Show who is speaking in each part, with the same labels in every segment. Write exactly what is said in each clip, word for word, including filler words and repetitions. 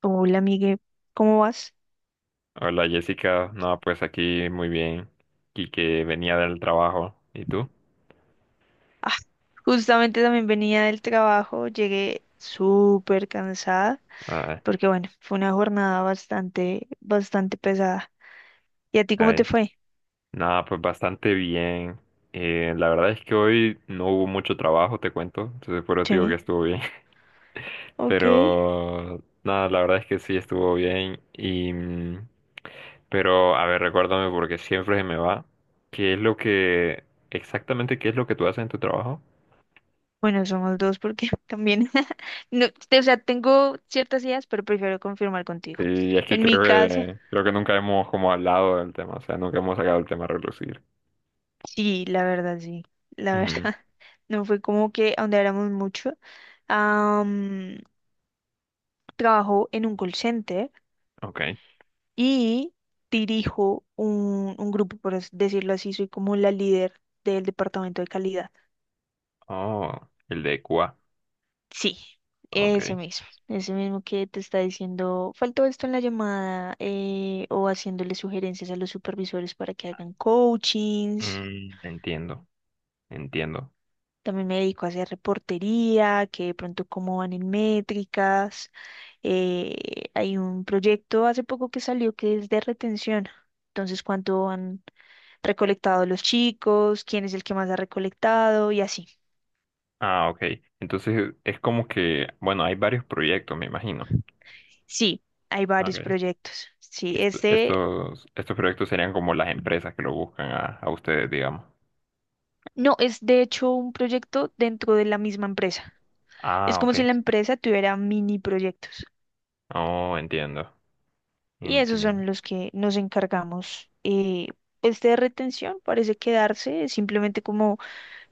Speaker 1: Hola, amigue, ¿cómo vas?
Speaker 2: Hola Jessica, no, pues aquí muy bien. Y que venía del trabajo. ¿Y tú?
Speaker 1: Ah, justamente también venía del trabajo, llegué súper cansada,
Speaker 2: Ay,
Speaker 1: porque bueno, fue una jornada bastante, bastante pesada. ¿Y a ti cómo te
Speaker 2: ay.
Speaker 1: fue?
Speaker 2: Nada, pues bastante bien. Eh, la verdad es que hoy no hubo mucho trabajo, te cuento. Entonces por eso te digo que
Speaker 1: Sí,
Speaker 2: estuvo bien.
Speaker 1: ok.
Speaker 2: Pero nada, la verdad es que sí estuvo bien. Y mm, pero a ver, recuérdame porque siempre se me va. ¿Qué es lo que exactamente qué es lo que tú haces en tu trabajo?
Speaker 1: Bueno, somos dos porque también, no, o sea, tengo ciertas ideas, pero prefiero confirmar contigo.
Speaker 2: Y es que
Speaker 1: En
Speaker 2: creo
Speaker 1: mi caso,
Speaker 2: que creo que nunca hemos como hablado del tema, o sea, nunca hemos sacado el tema a relucir.
Speaker 1: sí, la verdad, sí, la verdad,
Speaker 2: Ujú.
Speaker 1: no fue como que ahondáramos mucho. Am, Trabajo en un call center.
Speaker 2: Ok.
Speaker 1: Y dirijo un, un grupo, por as- decirlo así, soy como la líder del departamento de calidad.
Speaker 2: Oh, el de Cuba.
Speaker 1: Sí, ese
Speaker 2: Ok.
Speaker 1: mismo, ese mismo que te está diciendo, faltó esto en la llamada eh, o haciéndole sugerencias a los supervisores para que hagan coachings.
Speaker 2: Mm, entiendo, entiendo.
Speaker 1: También me dedico a hacer reportería, que de pronto cómo van en métricas. Eh, Hay un proyecto hace poco que salió que es de retención. Entonces, cuánto han recolectado los chicos, quién es el que más ha recolectado y así.
Speaker 2: Ah, ok. Entonces es como que, bueno, hay varios proyectos, me imagino.
Speaker 1: Sí, hay varios
Speaker 2: Ok.
Speaker 1: proyectos. Sí,
Speaker 2: Que esto-
Speaker 1: este
Speaker 2: estos, estos proyectos serían como las empresas que lo buscan a, a ustedes, digamos.
Speaker 1: no es de hecho un proyecto dentro de la misma empresa. Es
Speaker 2: Ah,
Speaker 1: como
Speaker 2: ok.
Speaker 1: si la empresa tuviera mini proyectos.
Speaker 2: Oh, entiendo,
Speaker 1: Y esos
Speaker 2: entiendo.
Speaker 1: son los que nos encargamos. Eh, pues de retención parece quedarse, simplemente como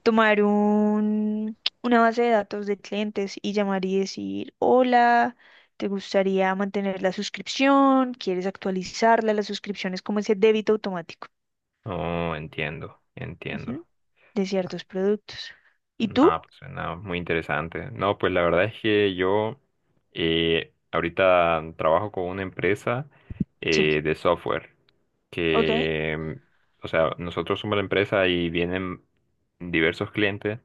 Speaker 1: tomar un, una base de datos de clientes y llamar y decir, hola, ¿te gustaría mantener la suscripción? ¿Quieres actualizarla? La suscripción es como ese débito automático,
Speaker 2: Oh, entiendo,
Speaker 1: ujú,
Speaker 2: entiendo.
Speaker 1: de ciertos productos. ¿Y
Speaker 2: No,
Speaker 1: tú?
Speaker 2: pues suena muy interesante. No, pues la verdad es que yo eh, ahorita trabajo con una empresa
Speaker 1: Sí.
Speaker 2: eh, de software
Speaker 1: Ok.
Speaker 2: que, mm, o sea, nosotros somos la empresa y vienen diversos clientes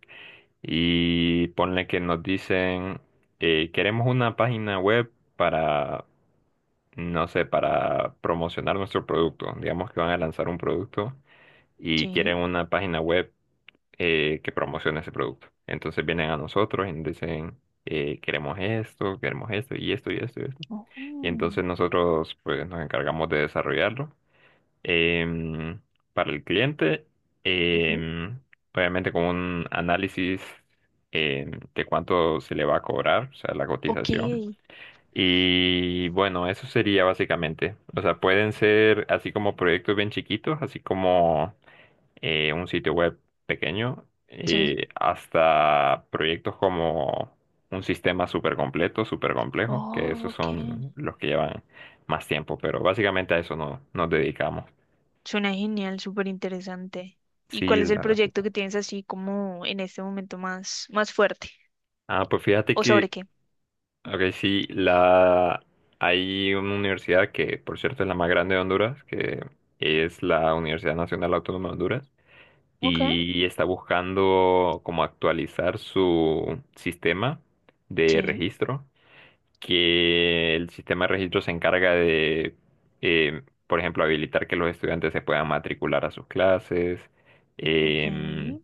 Speaker 2: y ponle que nos dicen, eh, queremos una página web para, no sé, para promocionar nuestro producto. Digamos que van a lanzar un producto y quieren
Speaker 1: Sí.
Speaker 2: una página web eh, que promociona ese producto. Entonces vienen a nosotros y nos dicen, eh, queremos esto, queremos esto y esto y esto y esto. Y
Speaker 1: Oh.
Speaker 2: entonces nosotros pues nos encargamos de desarrollarlo, em, para el cliente,
Speaker 1: Ujú.
Speaker 2: em, obviamente con un análisis em, de cuánto se le va a cobrar, o sea, la
Speaker 1: Ok.
Speaker 2: cotización. Y bueno, eso sería básicamente. O sea, pueden ser así como proyectos bien chiquitos, así como eh, un sitio web pequeño,
Speaker 1: Sí.
Speaker 2: eh, hasta proyectos como un sistema súper completo, súper complejo, que
Speaker 1: Oh,
Speaker 2: esos
Speaker 1: ok.
Speaker 2: son los que llevan más tiempo, pero básicamente a eso no, nos dedicamos.
Speaker 1: Suena genial, súper interesante. ¿Y
Speaker 2: Sí,
Speaker 1: cuál es el
Speaker 2: la verdad. Sí.
Speaker 1: proyecto que tienes así como en este momento más, más fuerte?
Speaker 2: Ah, pues fíjate
Speaker 1: ¿O
Speaker 2: que,
Speaker 1: sobre qué?
Speaker 2: ok, sí, la, hay una universidad que, por cierto, es la más grande de Honduras, que es la Universidad Nacional Autónoma de Honduras,
Speaker 1: Ok,
Speaker 2: y está buscando como actualizar su sistema de
Speaker 1: sí,
Speaker 2: registro, que el sistema de registro se encarga de, eh, por ejemplo, habilitar que los estudiantes se puedan matricular a sus clases.
Speaker 1: ok,
Speaker 2: Em,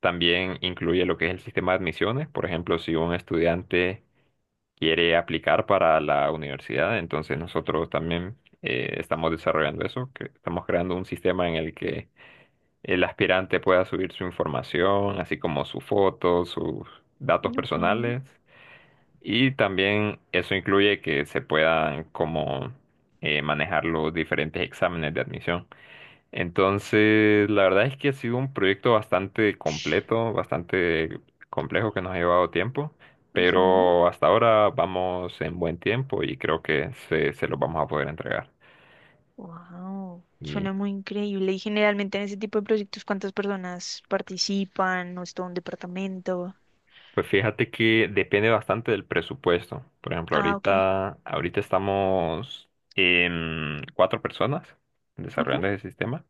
Speaker 2: También incluye lo que es el sistema de admisiones. Por ejemplo, si un estudiante quiere aplicar para la universidad, entonces nosotros también eh, estamos desarrollando eso, que estamos creando un sistema en el que el aspirante pueda subir su información, así como su foto, sus datos
Speaker 1: ok.
Speaker 2: personales, y también eso incluye que se puedan como eh, manejar los diferentes exámenes de admisión. Entonces, la verdad es que ha sido un proyecto bastante
Speaker 1: Sh,
Speaker 2: completo, bastante complejo que nos ha llevado tiempo,
Speaker 1: ujú.
Speaker 2: pero hasta ahora vamos en buen tiempo y creo que se, se los vamos a poder entregar.
Speaker 1: Wow,
Speaker 2: Y
Speaker 1: suena muy increíble. Y generalmente en ese tipo de proyectos, ¿cuántas personas participan? ¿O es todo un departamento?
Speaker 2: pues fíjate que depende bastante del presupuesto. Por ejemplo,
Speaker 1: Ah, ok.
Speaker 2: ahorita, ahorita estamos en cuatro personas
Speaker 1: Ujú,
Speaker 2: desarrollando ese sistema.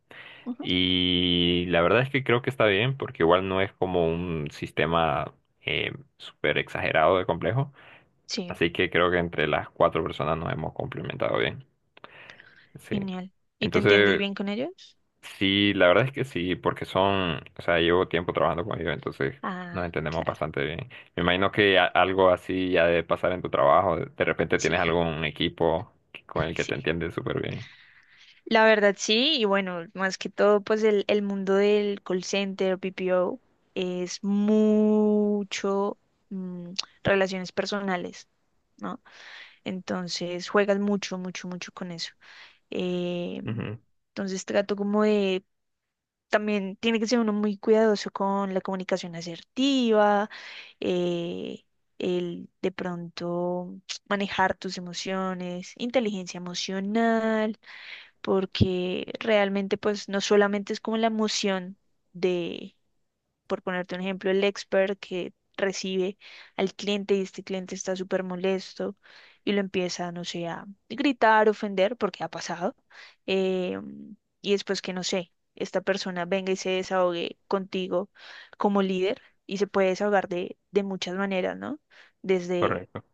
Speaker 1: ujú.
Speaker 2: Y la verdad es que creo que está bien, porque igual no es como un sistema eh, súper exagerado de complejo.
Speaker 1: Sí,
Speaker 2: Así que creo que entre las cuatro personas nos hemos complementado bien. Sí.
Speaker 1: genial. ¿Y te entiendes
Speaker 2: Entonces,
Speaker 1: bien con ellos?
Speaker 2: sí, la verdad es que sí, porque son, o sea, llevo tiempo trabajando con ellos, entonces nos
Speaker 1: Ah,
Speaker 2: entendemos
Speaker 1: claro,
Speaker 2: bastante bien. Me imagino que a- algo así ya debe pasar en tu trabajo. De de repente
Speaker 1: sí,
Speaker 2: tienes algún equipo que- con el que
Speaker 1: sí.
Speaker 2: te entiendes súper bien.
Speaker 1: La verdad sí, y bueno, más que todo, pues el, el mundo del call center, P P O, es mucho, mm, relaciones personales, ¿no? Entonces juegas mucho, mucho, mucho con eso. Eh,
Speaker 2: Ujú.
Speaker 1: entonces trato como de, también tiene que ser uno muy cuidadoso con la comunicación asertiva, eh, el de pronto manejar tus emociones, inteligencia emocional porque realmente pues no solamente es como la emoción de, por ponerte un ejemplo, el expert que recibe al cliente y este cliente está súper molesto y lo empieza, no sé, a gritar, ofender, porque ha pasado, eh, y después que, no sé, esta persona venga y se desahogue contigo como líder y se puede desahogar de, de muchas maneras, ¿no? Desde
Speaker 2: Correcto,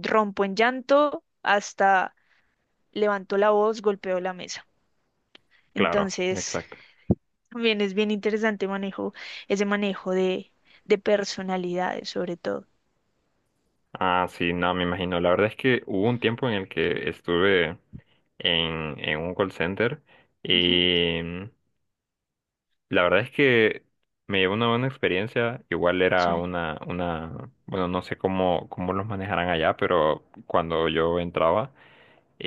Speaker 1: rompo en llanto hasta levanto la voz, golpeo la mesa.
Speaker 2: claro,
Speaker 1: Entonces,
Speaker 2: exacto.
Speaker 1: también es bien interesante manejo, ese manejo de, de personalidades, sobre todo.
Speaker 2: Ah, sí, no, me imagino. La verdad es que hubo un tiempo en el que estuve en, en un call center
Speaker 1: Ujú,
Speaker 2: y mm, la verdad es que me llevó una buena experiencia. Igual era
Speaker 1: sí,
Speaker 2: una, una, bueno, no sé cómo, cómo los manejarán allá, pero cuando yo entraba,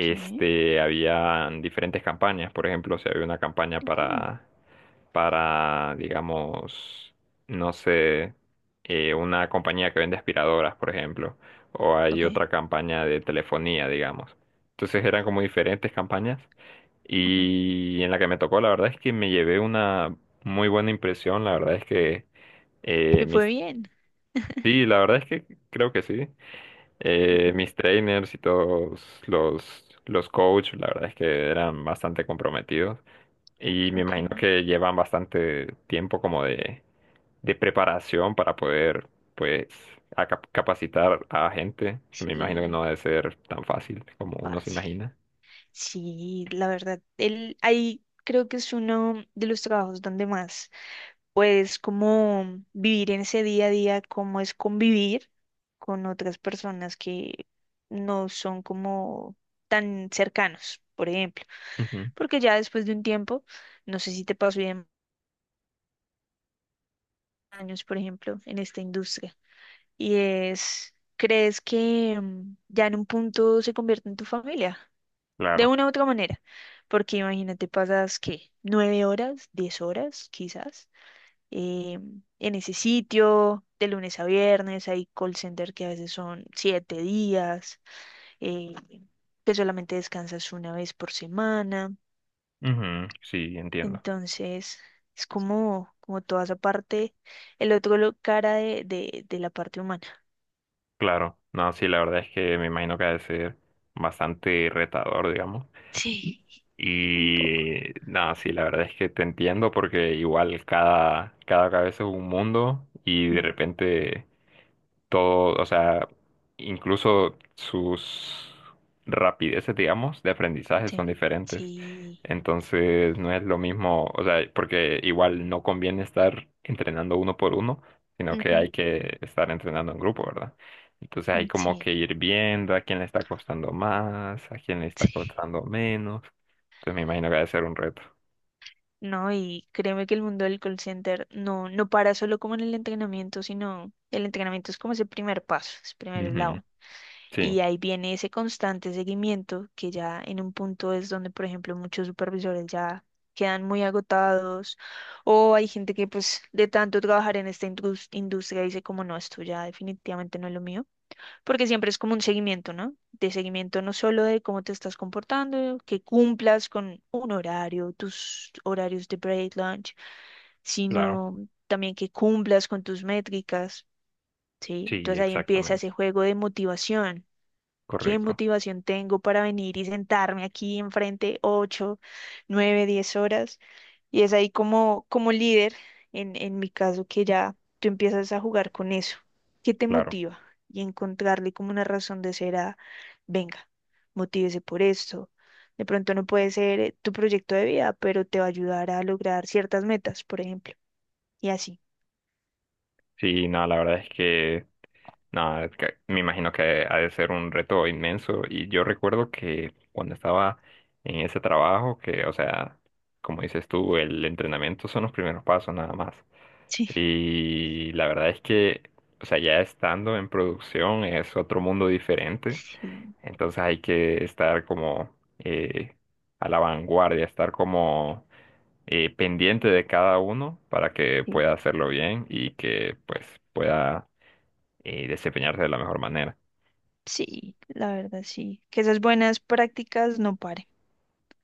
Speaker 1: sí,
Speaker 2: había diferentes campañas. Por ejemplo, si había una campaña
Speaker 1: ok,
Speaker 2: para para, digamos, no sé, eh, una compañía que vende aspiradoras, por ejemplo, o hay
Speaker 1: ok.
Speaker 2: otra campaña de telefonía, digamos. Entonces eran como diferentes campañas
Speaker 1: Ujú.
Speaker 2: y en la que me tocó, la verdad es que me llevé una muy buena impresión, la verdad es que eh,
Speaker 1: Te fue
Speaker 2: mis...
Speaker 1: bien.
Speaker 2: Sí, la verdad es que creo que sí. Eh,
Speaker 1: Ujú,
Speaker 2: mis trainers y todos los, los coaches, la verdad es que eran bastante comprometidos. Y me
Speaker 1: ok,
Speaker 2: imagino que llevan bastante tiempo como de de preparación para poder, pues, a cap- capacitar a gente. Me imagino que
Speaker 1: sí,
Speaker 2: no debe ser tan fácil como uno se
Speaker 1: fácil.
Speaker 2: imagina.
Speaker 1: Sí, la verdad, él ahí creo que es uno de los trabajos donde más pues como vivir en ese día a día, cómo es convivir con otras personas que no son como tan cercanos, por ejemplo.
Speaker 2: Ujú.
Speaker 1: Porque ya después de un tiempo, no sé si te pasó bien años, por ejemplo, en esta industria, y es, ¿crees que, mm, ya en un punto se convierte en tu familia? De
Speaker 2: Claro.
Speaker 1: una u otra manera, porque imagínate, pasas, ¿qué? ¿Nueve horas? ¿Diez horas? Quizás eh, en ese sitio, de lunes a viernes, hay call center que a veces son siete días, eh, que solamente descansas una vez por semana.
Speaker 2: Ujú. Sí, entiendo.
Speaker 1: Entonces, es como, como toda esa parte, el otro lo- cara de, de, de la parte humana.
Speaker 2: Claro. No, sí, la verdad es que me imagino que ha de ser bastante retador, digamos.
Speaker 1: Sí, un poco.
Speaker 2: Y no, sí, la verdad es que te entiendo porque igual cada, cada cabeza es un mundo y de
Speaker 1: Mm,
Speaker 2: repente todo, o sea, incluso sus rapideces, digamos, de aprendizaje son
Speaker 1: sí,
Speaker 2: diferentes.
Speaker 1: sí,
Speaker 2: Entonces, no es lo mismo, o sea, porque igual no conviene estar entrenando uno por uno, sino que hay
Speaker 1: ujú,
Speaker 2: que estar entrenando en grupo, ¿verdad? Entonces hay
Speaker 1: mm,
Speaker 2: como
Speaker 1: sí,
Speaker 2: que ir viendo a quién le está costando más, a quién le está
Speaker 1: sí.
Speaker 2: costando menos. Entonces me imagino que debe ser un reto.
Speaker 1: No, y créeme que el mundo del call center, no, no para solo como en el entrenamiento, sino el entrenamiento es como ese primer paso, ese primer
Speaker 2: Ujú.
Speaker 1: eslabón.
Speaker 2: Sí,
Speaker 1: Y ahí viene ese constante seguimiento que ya en un punto es donde, por ejemplo, muchos supervisores ya quedan muy agotados o hay gente que pues de tanto trabajar en esta indus- industria dice como no, esto ya definitivamente no es lo mío porque siempre es como un seguimiento, ¿no? De seguimiento no solo de cómo te estás comportando, que cumplas con un horario, tus horarios de break, lunch,
Speaker 2: claro.
Speaker 1: sino también que cumplas con tus métricas, ¿sí?
Speaker 2: Sí,
Speaker 1: Entonces ahí empieza
Speaker 2: exactamente.
Speaker 1: ese juego de motivación. ¿Qué
Speaker 2: Correcto.
Speaker 1: motivación tengo para venir y sentarme aquí enfrente ocho, nueve, diez horas? Y es ahí como, como líder, en, en mi caso, que ya tú empiezas a jugar con eso. ¿Qué te
Speaker 2: Claro.
Speaker 1: motiva? Y encontrarle como una razón de ser a, venga, motívese por esto. De pronto no puede ser, eh, tu proyecto de vida, pero te va a ayudar a lograr ciertas metas, por ejemplo. Y así.
Speaker 2: Sí, no, la verdad es que nada, es que me imagino que ha de ser un reto inmenso. Y yo recuerdo que cuando estaba en ese trabajo, que, o sea, como dices tú, el entrenamiento son los primeros pasos nada más.
Speaker 1: Sí,
Speaker 2: Y la verdad es que, o sea, ya estando en producción es otro mundo diferente.
Speaker 1: sí,
Speaker 2: Entonces hay que estar como eh, a la vanguardia, estar como eh, pendiente de cada uno para que
Speaker 1: sí,
Speaker 2: pueda hacerlo bien y que pues pueda eh, desempeñarse de la mejor manera.
Speaker 1: sí, la verdad, sí. Que esas buenas prácticas no paren.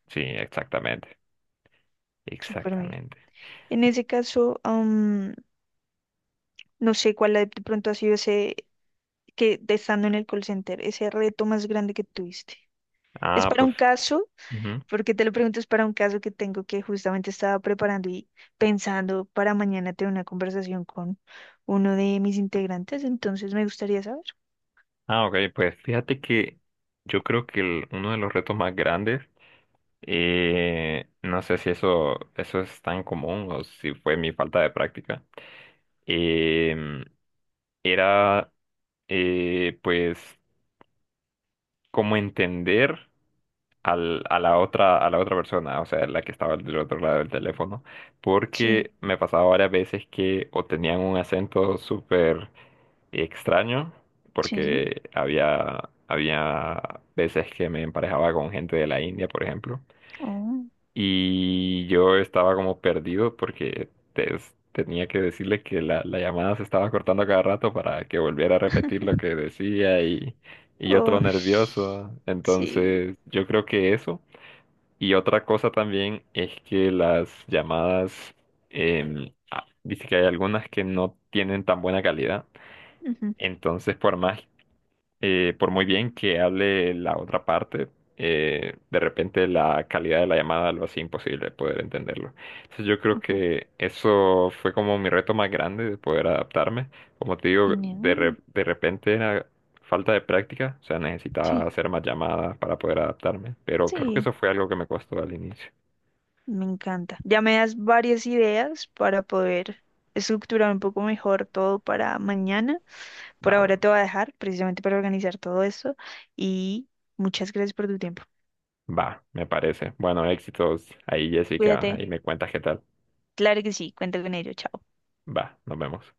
Speaker 2: Sí, exactamente,
Speaker 1: Súper bien.
Speaker 2: exactamente.
Speaker 1: En ese caso, am, no sé cuál de pronto ha sido ese, que de estando en el call center, ese reto más grande que tuviste. Es
Speaker 2: Ah,
Speaker 1: para
Speaker 2: pues,
Speaker 1: un caso,
Speaker 2: ujú.
Speaker 1: porque te lo pregunto, es para un caso que tengo que justamente estaba preparando y pensando para mañana tener una conversación con uno de mis integrantes, entonces me gustaría saber.
Speaker 2: Ah, ok, pues fíjate que yo creo que el- uno de los retos más grandes, eh, no sé si eso, eso es tan común o si fue mi falta de práctica, em, era eh, pues cómo entender al, a la otra, a la otra persona, o sea, la que estaba del otro lado del teléfono,
Speaker 1: Sí,
Speaker 2: porque me pasaba varias veces que o tenían un acento súper y extraño,
Speaker 1: sí.
Speaker 2: porque había, había veces que me emparejaba con gente de la India, por ejemplo,
Speaker 1: Oh,
Speaker 2: y yo estaba como perdido porque te- tenía que decirle que la, la llamada se estaba cortando cada rato para que volviera a repetir lo que decía y, y yo
Speaker 1: oh,
Speaker 2: todo nervioso.
Speaker 1: sí.
Speaker 2: Entonces, yo creo que eso. Y otra cosa también es que las llamadas, em, ah, dice que hay algunas que no tienen tan buena calidad.
Speaker 1: Ujú,
Speaker 2: Entonces, por más eh, por muy bien que hable la otra parte, eh, de repente la calidad de la llamada lo hacía imposible poder entenderlo. Entonces yo creo
Speaker 1: ujú.
Speaker 2: que eso fue como mi reto más grande de poder adaptarme. Como te digo, de, re-
Speaker 1: Genial.
Speaker 2: de repente era falta de práctica, o sea, necesitaba
Speaker 1: Sí,
Speaker 2: hacer más llamadas para poder adaptarme, pero creo que
Speaker 1: sí,
Speaker 2: eso fue algo que me costó al inicio.
Speaker 1: me encanta. Ya me das varias ideas para poder estructurar un poco mejor todo para mañana.
Speaker 2: Da,
Speaker 1: Por ahora
Speaker 2: bueno,
Speaker 1: te voy a dejar precisamente para organizar todo esto y muchas gracias por tu tiempo.
Speaker 2: va, me parece. Bueno, éxitos ahí, Jessica,
Speaker 1: Cuídate.
Speaker 2: ahí me cuentas qué tal.
Speaker 1: Claro que sí, cuenta con ello. Chao.
Speaker 2: Va, nos vemos.